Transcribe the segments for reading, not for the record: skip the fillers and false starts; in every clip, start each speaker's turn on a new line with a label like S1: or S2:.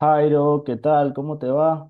S1: Jairo, ¿qué tal? ¿Cómo te va?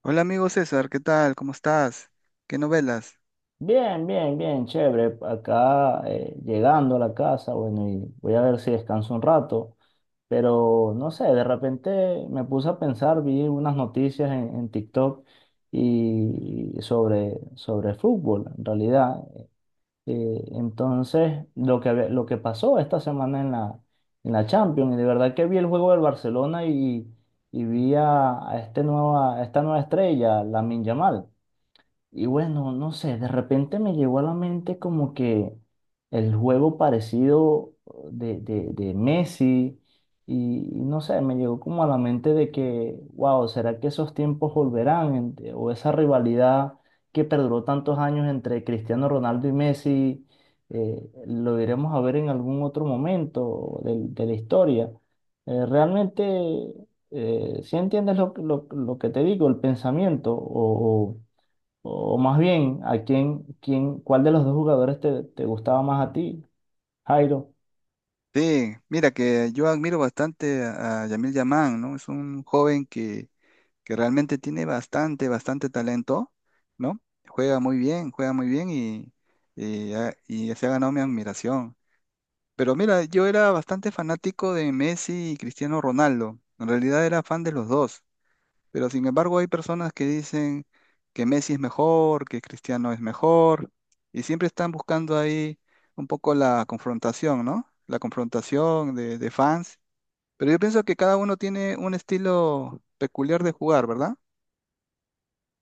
S2: Hola amigo César, ¿qué tal? ¿Cómo estás? ¿Qué novelas?
S1: Bien, bien, bien, chévere. Acá llegando a la casa, bueno, y voy a ver si descanso un rato, pero no sé, de repente me puse a pensar, vi unas noticias en TikTok y sobre fútbol, en realidad. Lo que pasó esta semana en la Champions, y de verdad que vi el juego del Barcelona y vi a a esta nueva estrella, Lamine Yamal. Y bueno, no sé, de repente me llegó a la mente como que el juego parecido de Messi y no sé, me llegó como a la mente de que, wow, ¿será que esos tiempos volverán? O esa rivalidad que perduró tantos años entre Cristiano Ronaldo y Messi, lo iremos a ver en algún otro momento de la historia. Eh, realmente, si entiendes lo que te digo, el pensamiento o más bien, ¿a cuál de los dos jugadores te gustaba más a ti, Jairo?
S2: Sí, mira que yo admiro bastante a Yamil Yamán, ¿no? Es un joven que realmente tiene bastante, bastante talento, ¿no? Juega muy bien y y se ha ganado mi admiración. Pero mira, yo era bastante fanático de Messi y Cristiano Ronaldo. En realidad era fan de los dos. Pero sin embargo hay personas que dicen que Messi es mejor, que Cristiano es mejor, y siempre están buscando ahí un poco la confrontación, ¿no? La confrontación de fans. Pero yo pienso que cada uno tiene un estilo peculiar de jugar, ¿verdad?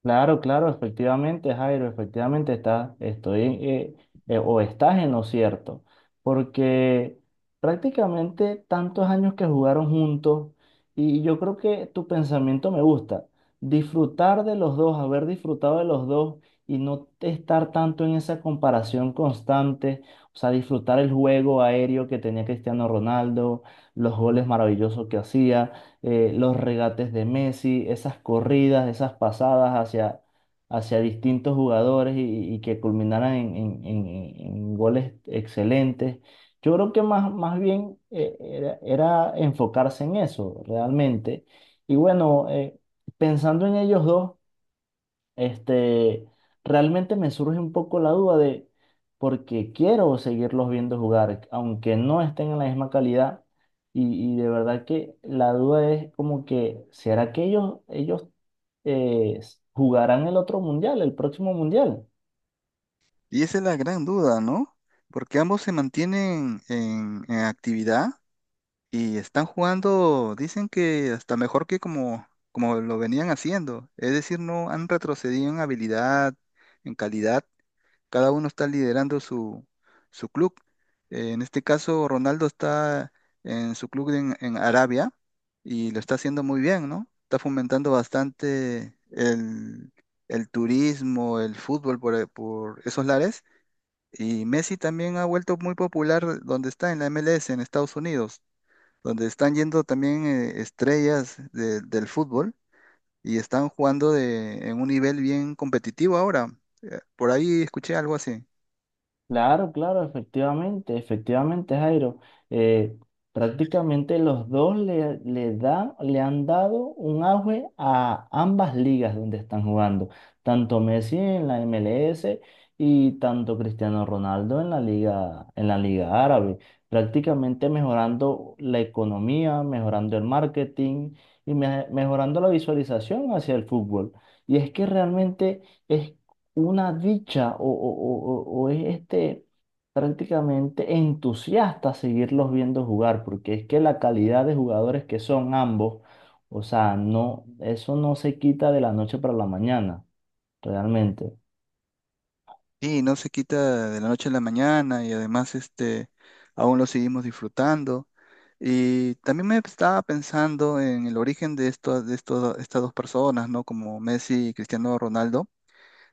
S1: Claro, claro, efectivamente, Jairo, efectivamente estoy, o estás en lo cierto, porque prácticamente tantos años que jugaron juntos y yo creo que tu pensamiento me gusta, disfrutar de los dos, haber disfrutado de los dos y no estar tanto en esa comparación constante, o sea, disfrutar el juego aéreo que tenía Cristiano Ronaldo, los goles maravillosos que hacía los regates de Messi, esas corridas, esas pasadas hacia distintos jugadores y que culminaran en goles excelentes. Yo creo que más bien era enfocarse en eso realmente. Y bueno, pensando en ellos dos. Este, Realmente me surge un poco la duda de porque quiero seguirlos viendo jugar, aunque no estén en la misma calidad. Y de verdad que la duda es como que, ¿será que ellos eh, jugarán el otro mundial, el próximo mundial?
S2: Y esa es la gran duda, ¿no? Porque ambos se mantienen en actividad y están jugando, dicen que hasta mejor que como, como lo venían haciendo. Es decir, no han retrocedido en habilidad, en calidad. Cada uno está liderando su, su club. En este caso, Ronaldo está en su club en Arabia y lo está haciendo muy bien, ¿no? Está fomentando bastante el turismo, el fútbol por esos lares. Y Messi también ha vuelto muy popular donde está, en la MLS, en Estados Unidos, donde están yendo también estrellas del fútbol y están jugando en un nivel bien competitivo ahora. Por ahí escuché algo así.
S1: Claro, claro, efectivamente, efectivamente, Jairo. Eh, Prácticamente los dos le han dado un auge a ambas ligas donde están jugando, tanto Messi en la MLS y tanto Cristiano Ronaldo en en la liga árabe, prácticamente mejorando la economía, mejorando el marketing y mejorando la visualización hacia el fútbol. Y es que realmente es una dicha o es este prácticamente entusiasta seguirlos viendo jugar, porque es que la calidad de jugadores que son ambos, o sea, no, eso no se quita de la noche para la mañana, realmente.
S2: Sí, no se quita de la noche a la mañana y además este, aún lo seguimos disfrutando. Y también me estaba pensando en el origen de estas dos personas, ¿no? Como Messi y Cristiano Ronaldo.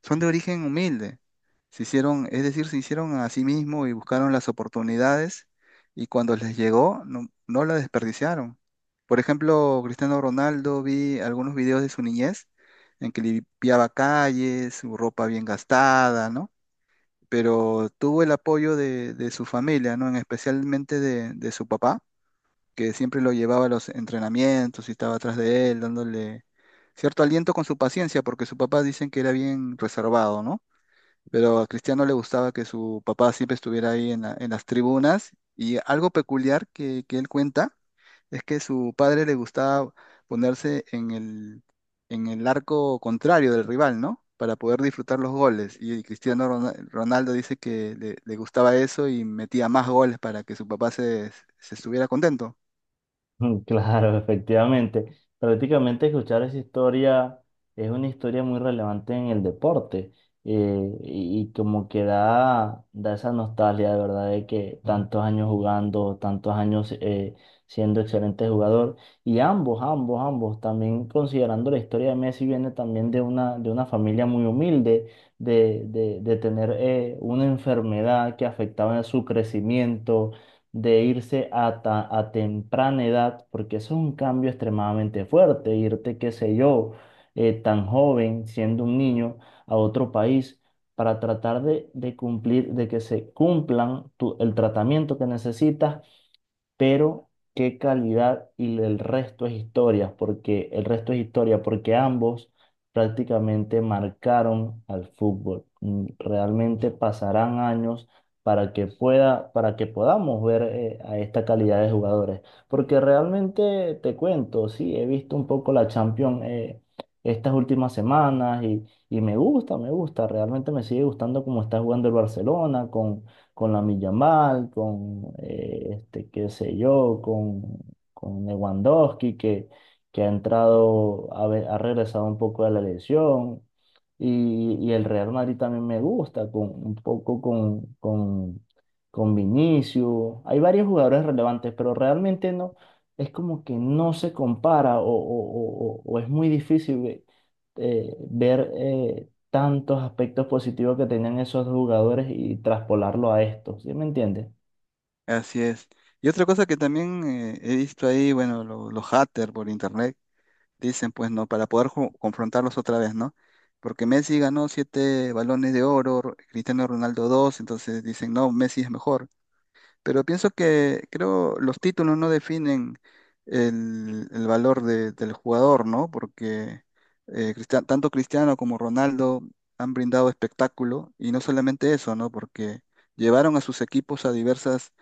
S2: Son de origen humilde. Se hicieron, es decir, se hicieron a sí mismos y buscaron las oportunidades y cuando les llegó, no, no la desperdiciaron. Por ejemplo, Cristiano Ronaldo, vi algunos videos de su niñez en que limpiaba calles, su ropa bien gastada, ¿no? Pero tuvo el apoyo de su familia, ¿no? En especialmente de su papá, que siempre lo llevaba a los entrenamientos y estaba atrás de él, dándole cierto aliento con su paciencia, porque su papá dicen que era bien reservado, ¿no? Pero a Cristiano le gustaba que su papá siempre estuviera ahí en las tribunas. Y algo peculiar que él cuenta es que su padre le gustaba ponerse en el arco contrario del rival, ¿no? Para poder disfrutar los goles. Y Ronaldo dice que le gustaba eso y metía más goles para que su papá se estuviera contento.
S1: Mm, claro, efectivamente. Prácticamente escuchar esa historia es una historia muy relevante en el deporte y como que da esa nostalgia de verdad de que tantos años jugando, tantos años siendo excelente jugador y ambos, también considerando la historia de Messi viene también de una familia muy humilde, de tener una enfermedad que afectaba su crecimiento de irse a temprana edad, porque eso es un cambio extremadamente fuerte, irte, qué sé yo, tan joven, siendo un niño, a otro país para tratar de cumplir, de que se cumplan el tratamiento que necesitas, pero qué calidad y el resto es historia, porque el resto es historia, porque ambos prácticamente marcaron al fútbol. Mm, realmente pasarán años para que para que podamos ver a esta calidad de jugadores, porque realmente te cuento, sí, he visto un poco la Champions estas últimas semanas y me gusta, realmente me sigue gustando cómo está jugando el Barcelona con la Yamal, con qué sé yo, con Lewandowski, que ha entrado, ha regresado un poco de la lesión. Y el Real Madrid también me gusta, con, un poco con Vinicius. Hay varios jugadores relevantes, pero realmente no, es como que no se compara o es muy difícil ver tantos aspectos positivos que tenían esos jugadores y traspolarlo a esto, ¿sí me entiendes?
S2: Así es. Y otra cosa que también he visto ahí, bueno, los haters por internet dicen, pues, ¿no? Para poder confrontarlos otra vez, ¿no? Porque Messi ganó 7 balones de oro, Cristiano Ronaldo dos, entonces dicen, no, Messi es mejor. Pero pienso que creo los títulos no definen el valor del jugador, ¿no? Porque tanto Cristiano como Ronaldo han brindado espectáculo y no solamente eso, ¿no? Porque llevaron a sus equipos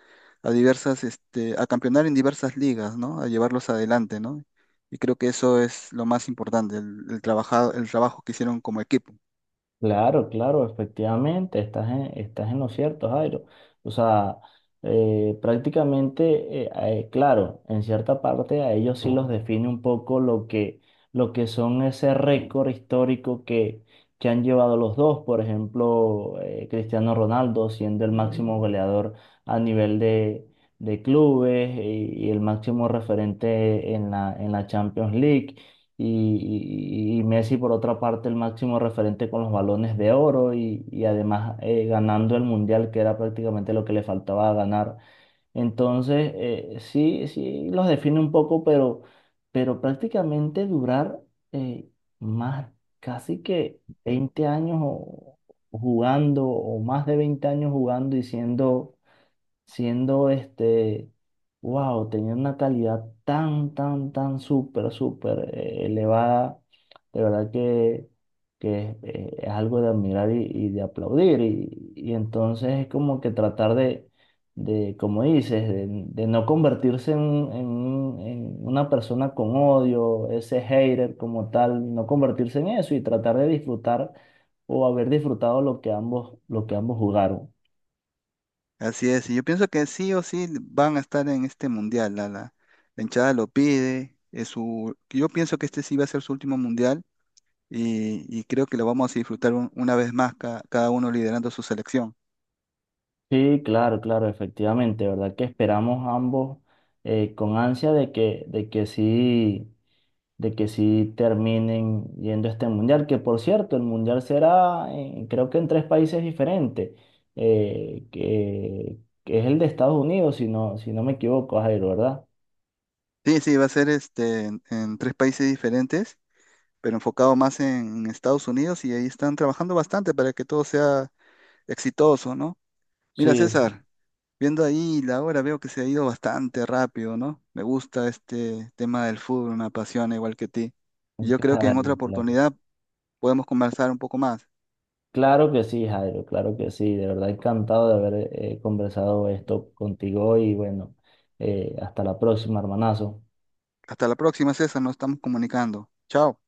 S2: a diversas, este, a campeonar en diversas ligas, ¿no? A llevarlos adelante, ¿no? Y creo que eso es lo más importante, el, el trabajo que hicieron como equipo.
S1: Claro, claro, efectivamente, estás en lo cierto, Jairo. O sea, claro, en cierta parte a ellos sí los define un poco lo que son ese récord histórico que han llevado los dos. Por ejemplo, Cristiano Ronaldo siendo el máximo goleador a nivel de clubes y el máximo referente en la Champions League y, y Messi por otra parte el máximo referente con los balones de oro y además ganando el Mundial que era prácticamente lo que le faltaba ganar. Entonces, sí los define un poco, pero prácticamente durar eh, más, casi que 20 años jugando o más de 20 años jugando y siendo wow, tenía una calidad tan súper, súper elevada, de verdad que es algo de admirar y de aplaudir. Y entonces es como que tratar de como dices, de no convertirse en una persona con odio, ese hater como tal, no convertirse en eso y tratar de disfrutar o haber disfrutado lo que ambos jugaron.
S2: Así es, y yo pienso que sí o sí van a estar en este mundial. La hinchada lo pide. Es su, yo pienso que este sí va a ser su último mundial y creo que lo vamos a disfrutar una vez más, cada uno liderando su selección.
S1: Sí, claro, claro, efectivamente, ¿verdad? Que esperamos ambos con ansia de que, de que sí terminen yendo a este mundial, que por cierto, el mundial será, creo que en tres países diferentes, eh, que, que es el de Estados Unidos, si no, si no me equivoco, Jairo, ¿verdad?
S2: Sí, sí, va a ser este, en 3 países diferentes, pero enfocado más en, Estados Unidos y ahí están trabajando bastante para que todo sea exitoso, ¿no? Mira,
S1: Sí, sí,
S2: César, viendo ahí la hora, veo que se ha ido bastante rápido, ¿no? Me gusta este tema del fútbol, me apasiona igual que ti. Y yo creo que en
S1: claro,
S2: otra
S1: claro.
S2: oportunidad podemos conversar un poco más.
S1: Claro que sí, Jairo, claro que sí, de verdad encantado de haber conversado esto contigo y bueno, hasta la próxima, hermanazo.
S2: Hasta la próxima, César, nos estamos comunicando. Chao.